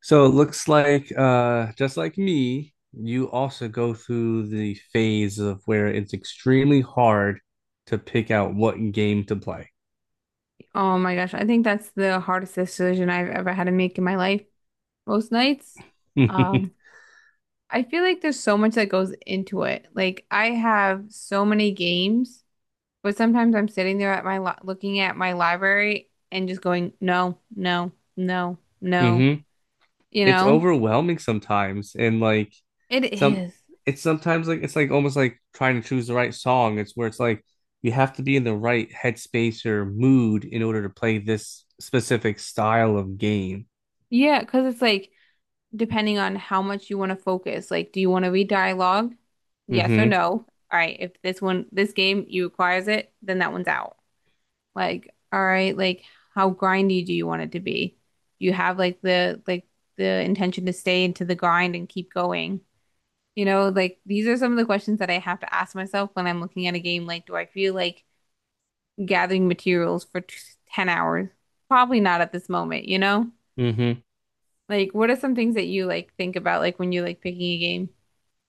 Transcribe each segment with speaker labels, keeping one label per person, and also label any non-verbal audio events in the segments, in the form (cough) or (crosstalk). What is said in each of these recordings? Speaker 1: So it looks like, just like me, you also go through the phase of where it's extremely hard to pick out what game to play.
Speaker 2: Oh my gosh, I think that's the hardest decision I've ever had to make in my life most nights. Um,
Speaker 1: (laughs)
Speaker 2: I feel like there's so much that goes into it. Like I have so many games, but sometimes I'm sitting there at my li looking at my library and just going, no, no, no, no.
Speaker 1: hmm
Speaker 2: You
Speaker 1: It's
Speaker 2: know?
Speaker 1: overwhelming sometimes, and
Speaker 2: It
Speaker 1: some,
Speaker 2: is.
Speaker 1: it's sometimes like almost like trying to choose the right song. It's where it's like you have to be in the right headspace or mood in order to play this specific style of game.
Speaker 2: Yeah, because it's like depending on how much you want to focus. Like, do you want to read dialogue? Yes or
Speaker 1: Hmm
Speaker 2: no? All right, if this one, this game, you requires it, then that one's out. Like, all right, like how grindy do you want it to be? Do you have like the intention to stay into the grind and keep going? You know, like these are some of the questions that I have to ask myself when I'm looking at a game. Like, do I feel like gathering materials for t 10 hours? Probably not at this moment, you know?
Speaker 1: hmm
Speaker 2: Like, what are some things that you like think about like when you're like picking a game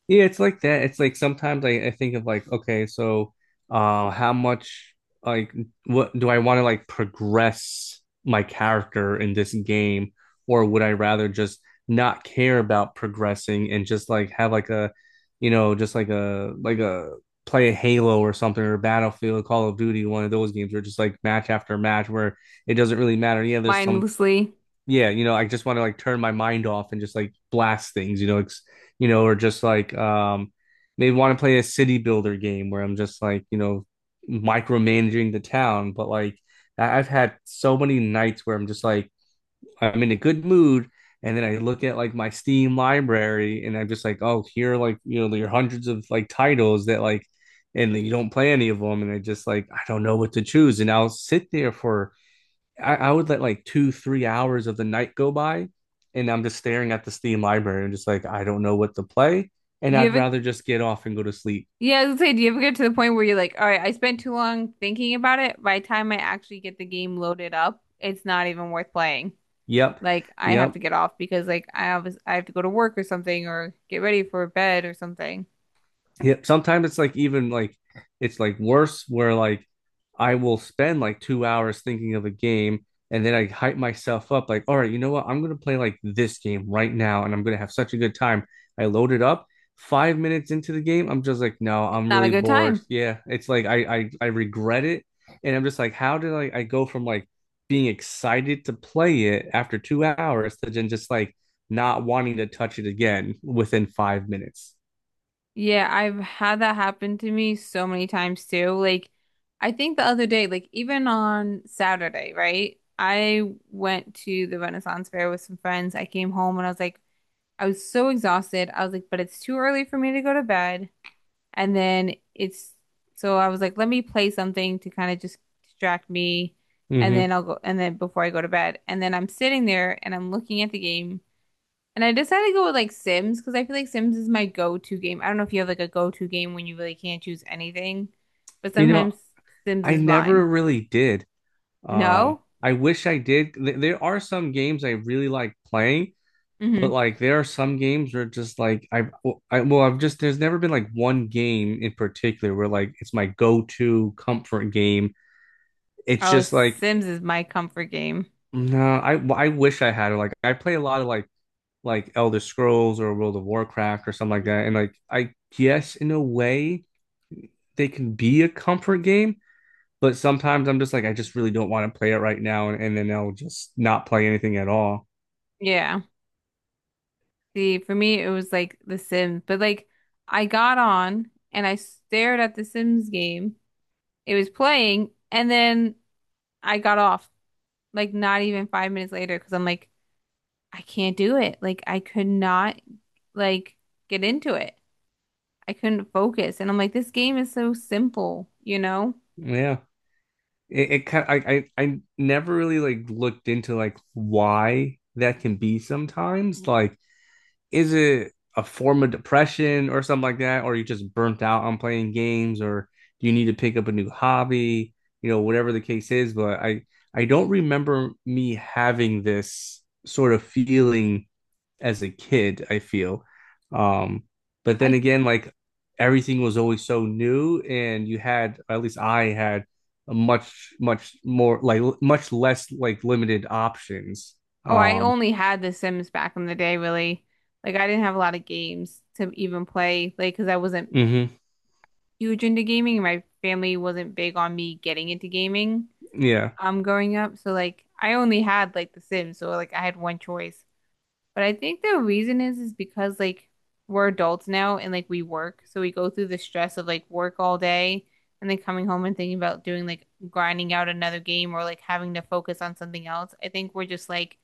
Speaker 1: Yeah, it's like that. It's like sometimes I think of like, okay, so how much, like, what do I want to like progress my character in this game, or would I rather just not care about progressing and just like have like a you know, just like a play a Halo or something, or Battlefield, Call of Duty, one of those games where just like match after match where it doesn't really matter. Yeah, there's some,
Speaker 2: mindlessly?
Speaker 1: yeah, you know, I just want to like turn my mind off and just like blast things, you know, or just like, maybe want to play a city builder game where I'm just like, you know, micromanaging the town. But like I've had so many nights where I'm just like I'm in a good mood, and then I look at like my Steam library and I'm just like, oh, here are, like, you know, there are hundreds of like titles that like, and you don't play any of them, and I just like I don't know what to choose, and I'll sit there for I would let like two, 3 hours of the night go by, and I'm just staring at the Steam library and just like, I don't know what to play. And
Speaker 2: Do you
Speaker 1: I'd
Speaker 2: ever
Speaker 1: rather just get off and go to sleep.
Speaker 2: Yeah, I was gonna say, do you ever get to the point where you're like, all right, I spent too long thinking about it. By the time I actually get the game loaded up, it's not even worth playing.
Speaker 1: Yep.
Speaker 2: Like I have to
Speaker 1: Yep.
Speaker 2: get off because like I have to go to work or something or get ready for bed or something.
Speaker 1: Yeah, sometimes it's like even like it's like worse where like I will spend like 2 hours thinking of a game, and then I hype myself up like, all right, you know what? I'm gonna play like this game right now and I'm gonna have such a good time. I load it up. 5 minutes into the game, I'm just like, no,
Speaker 2: It's
Speaker 1: I'm
Speaker 2: not a
Speaker 1: really
Speaker 2: good
Speaker 1: bored.
Speaker 2: time.
Speaker 1: Yeah, it's like I regret it, and I'm just like, how did I go from like being excited to play it after 2 hours to then just like not wanting to touch it again within 5 minutes?
Speaker 2: Yeah, I've had that happen to me so many times too. Like I think the other day, like even on Saturday, right? I went to the Renaissance Fair with some friends. I came home and I was like, I was so exhausted. I was like, but it's too early for me to go to bed. And then it's so I was like, let me play something to kind of just distract me. And then
Speaker 1: Hmm
Speaker 2: I'll go, and then before I go to bed. And then I'm sitting there and I'm looking at the game. And I decided to go with like Sims because I feel like Sims is my go-to game. I don't know if you have like a go-to game when you really can't choose anything, but
Speaker 1: You know,
Speaker 2: sometimes Sims
Speaker 1: I
Speaker 2: is mine.
Speaker 1: never really did.
Speaker 2: No?
Speaker 1: I wish I did. There are some games I really like playing, but
Speaker 2: Mm-hmm.
Speaker 1: like there are some games where just like well, I've just, there's never been like one game in particular where like it's my go-to comfort game. It's
Speaker 2: Oh,
Speaker 1: just like,
Speaker 2: Sims is my comfort game.
Speaker 1: no, I wish I had it. Like I play a lot of like Elder Scrolls or World of Warcraft or something like that. And like, I guess in a way they can be a comfort game. But sometimes I'm just like, I just really don't want to play it right now, and then I'll just not play anything at all.
Speaker 2: Yeah. See, for me, it was like The Sims, but like I got on and I stared at The Sims game. It was playing, and then I got off like not even 5 minutes later because I'm like, I can't do it. Like I could not like get into it. I couldn't focus, and I'm like, this game is so simple, you know?
Speaker 1: Yeah. It kind, I never really like looked into like why that can be sometimes. Like, is it a form of depression or something like that? Or you just burnt out on playing games, or do you need to pick up a new hobby? You know, whatever the case is, but I don't remember me having this sort of feeling as a kid, I feel. Um, but then
Speaker 2: I
Speaker 1: again, like everything was always so new, and you had, at least I had, a much, much more like much less like limited options.
Speaker 2: Oh, I
Speaker 1: Um,
Speaker 2: only had The Sims back in the day, really. Like I didn't have a lot of games to even play, like because I wasn't
Speaker 1: hmm
Speaker 2: huge into gaming, and my family wasn't big on me getting into gaming
Speaker 1: yeah,
Speaker 2: growing up. So like I only had like The Sims, so like I had one choice. But I think the reason is because like we're adults now and like we work. So we go through the stress of like work all day and then coming home and thinking about doing like grinding out another game or like having to focus on something else. I think we're just like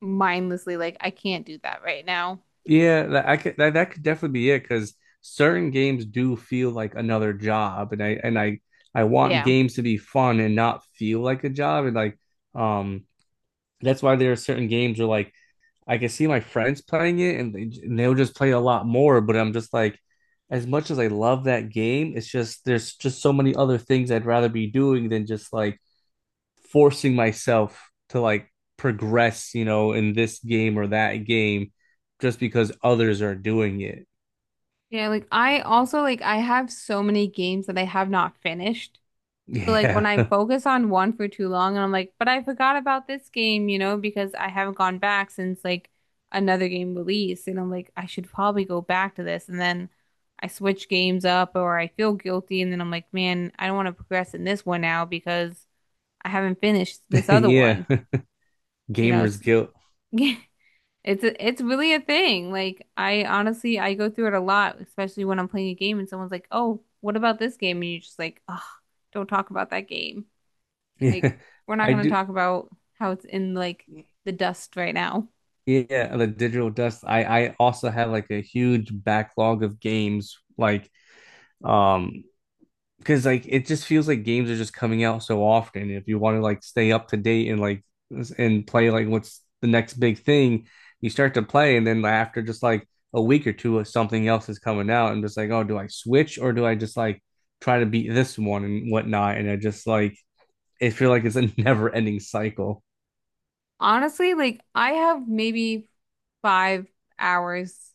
Speaker 2: mindlessly like I can't do that right now.
Speaker 1: yeah, that I could, that, that could definitely be it because certain games do feel like another job, and I want
Speaker 2: Yeah.
Speaker 1: games to be fun and not feel like a job, and like, um that's why there are certain games where like I can see my friends playing it, and they'll just play a lot more, but I'm just like, as much as I love that game, it's just there's just so many other things I'd rather be doing than just like forcing myself to like progress, you know, in this game or that game just because others are doing it.
Speaker 2: Yeah, like I also like I have so many games that I have not finished. So like when I
Speaker 1: Yeah. (laughs)
Speaker 2: focus on one for too long and I'm like, but I forgot about this game, you know, because I haven't gone back since like another game release and I'm like, I should probably go back to this and then I switch games up or I feel guilty and then I'm like, man, I don't want to progress in this one now because I haven't finished this other one.
Speaker 1: Yeah.
Speaker 2: You know,
Speaker 1: Gamer's
Speaker 2: it's
Speaker 1: guilt. (laughs)
Speaker 2: (laughs) it's really a thing. Like I honestly I go through it a lot, especially when I'm playing a game and someone's like, "Oh, what about this game?" and you're just like, "Oh, don't talk about that game." Like,
Speaker 1: Yeah.
Speaker 2: we're not
Speaker 1: I
Speaker 2: going to
Speaker 1: do.
Speaker 2: talk about how it's in like the dust right now.
Speaker 1: Yeah, the digital dust. I also have like a huge backlog of games like, um because like it just feels like games are just coming out so often. If you want to like stay up to date and play like what's the next big thing, you start to play, and then after just like a week or two, something else is coming out, and just like, oh, do I switch or do I just like try to beat this one and whatnot? And I just like it feel like it's a (laughs) never ending cycle.
Speaker 2: Honestly, like I have maybe 5 hours.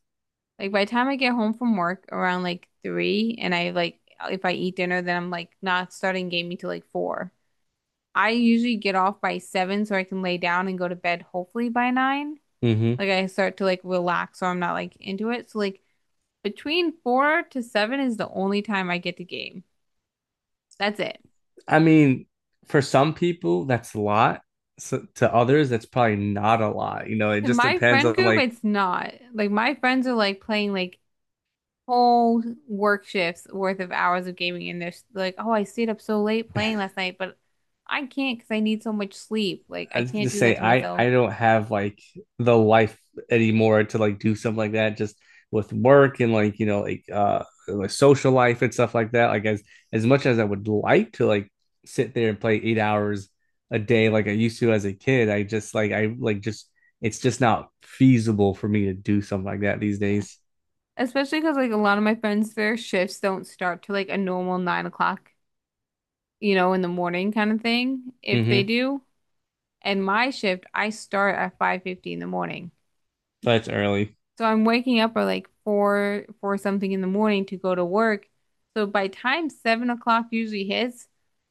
Speaker 2: Like by the time I get home from work around like 3, and I like if I eat dinner, then I'm like not starting gaming till like 4. I usually get off by 7 so I can lay down and go to bed hopefully by 9.
Speaker 1: Hmm
Speaker 2: Like I start to like relax so I'm not like into it. So like between 4 to 7 is the only time I get to game. That's it.
Speaker 1: I mean, for some people, that's a lot. So to others, that's probably not a lot. You know, it
Speaker 2: In
Speaker 1: just
Speaker 2: my
Speaker 1: depends
Speaker 2: friend
Speaker 1: on
Speaker 2: group,
Speaker 1: like,
Speaker 2: it's not. Like my friends are like playing like whole work shifts worth of hours of gaming and they're like, "Oh, I stayed up so late playing last night, but I can't because I need so much sleep. Like
Speaker 1: I
Speaker 2: I
Speaker 1: was
Speaker 2: can't
Speaker 1: gonna
Speaker 2: do
Speaker 1: say
Speaker 2: that to
Speaker 1: I
Speaker 2: myself."
Speaker 1: I don't have like the life anymore to like do something like that just with work and like you know like social life and stuff like that. Like as much as I would like to like sit there and play 8 hours a day like I used to as a kid, I just like I like just it's just not feasible for me to do something like that these days.
Speaker 2: Especially because like a lot of my friends, their shifts don't start to like a normal 9 o'clock, you know, in the morning kind of thing. If they
Speaker 1: Mm-hmm.
Speaker 2: do, and my shift, I start at 5:50 in the morning.
Speaker 1: That's early.
Speaker 2: So I'm waking up at like four something in the morning to go to work. So by time 7 o'clock usually hits,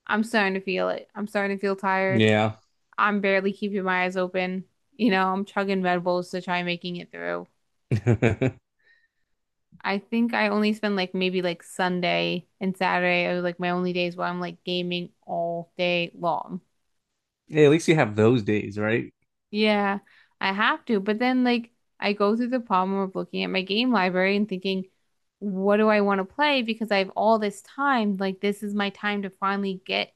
Speaker 2: I'm starting to feel it. I'm starting to feel tired.
Speaker 1: Yeah.
Speaker 2: I'm barely keeping my eyes open. You know, I'm chugging Red Bulls to try making it through.
Speaker 1: (laughs)
Speaker 2: I think I only spend like maybe like Sunday and Saturday are like my only days where I'm like gaming all day long.
Speaker 1: Hey, at least you have those days, right?
Speaker 2: Yeah, I have to. But then, like, I go through the problem of looking at my game library and thinking, what do I want to play? Because I have all this time. Like, this is my time to finally get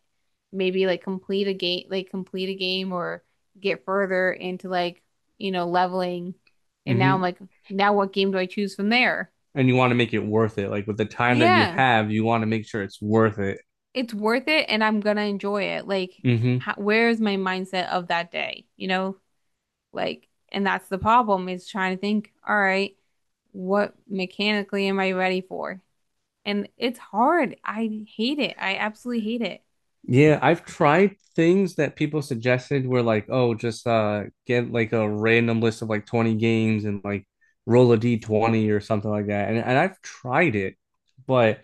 Speaker 2: maybe like complete a game, like complete a game or get further into like, you know, leveling. And now I'm
Speaker 1: hmm
Speaker 2: like, now what game do I choose from there?
Speaker 1: and you want to make it worth it. Like with the time that you
Speaker 2: Yeah,
Speaker 1: have, you want to make sure it's worth it.
Speaker 2: it's worth it and I'm gonna enjoy it. Like,
Speaker 1: Hmm
Speaker 2: how, where is my mindset of that day? You know, like, and that's the problem is trying to think, all right, what mechanically am I ready for? And it's hard. I hate it. I absolutely hate it.
Speaker 1: Yeah, I've tried things that people suggested were like, oh, just get like a random list of like 20 games and like roll a D20 or something like that. And I've tried it, but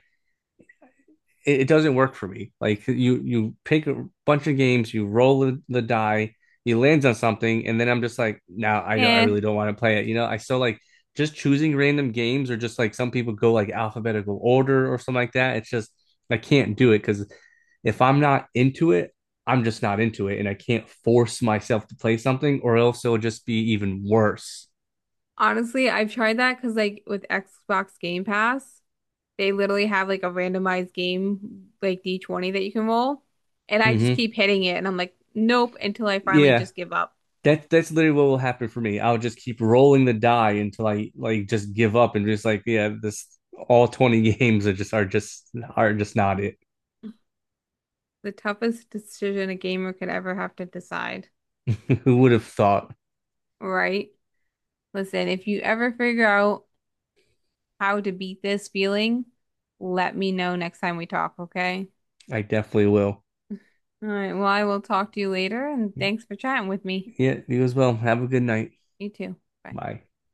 Speaker 1: it doesn't work for me. Like you pick a bunch of games, you roll the die, he lands on something, and then I'm just like, now nah, I don't, I
Speaker 2: And
Speaker 1: really don't want to play it. You know, I still like just choosing random games or just like some people go like alphabetical order or something like that. It's just I can't do it because if I'm not into it, I'm just not into it, and I can't force myself to play something, or else it'll just be even worse.
Speaker 2: honestly, I've tried that because like with Xbox Game Pass, they literally have like a randomized game like D20 that you can roll. And I just
Speaker 1: Hmm
Speaker 2: keep hitting it and I'm like, nope, until I finally
Speaker 1: Yeah,
Speaker 2: just give up.
Speaker 1: that that's literally what will happen for me. I'll just keep rolling the die until I like just give up and just like yeah, this all 20 (laughs) games are just are just are just not it.
Speaker 2: The toughest decision a gamer could ever have to decide,
Speaker 1: (laughs) Who would have thought?
Speaker 2: right? Listen, if you ever figure out how to beat this feeling, let me know next time we talk, okay?
Speaker 1: I definitely will.
Speaker 2: All right. Well, I will talk to you later, and thanks for chatting with me.
Speaker 1: Yeah, you as well. Have a good night.
Speaker 2: You too. Bye.
Speaker 1: Bye.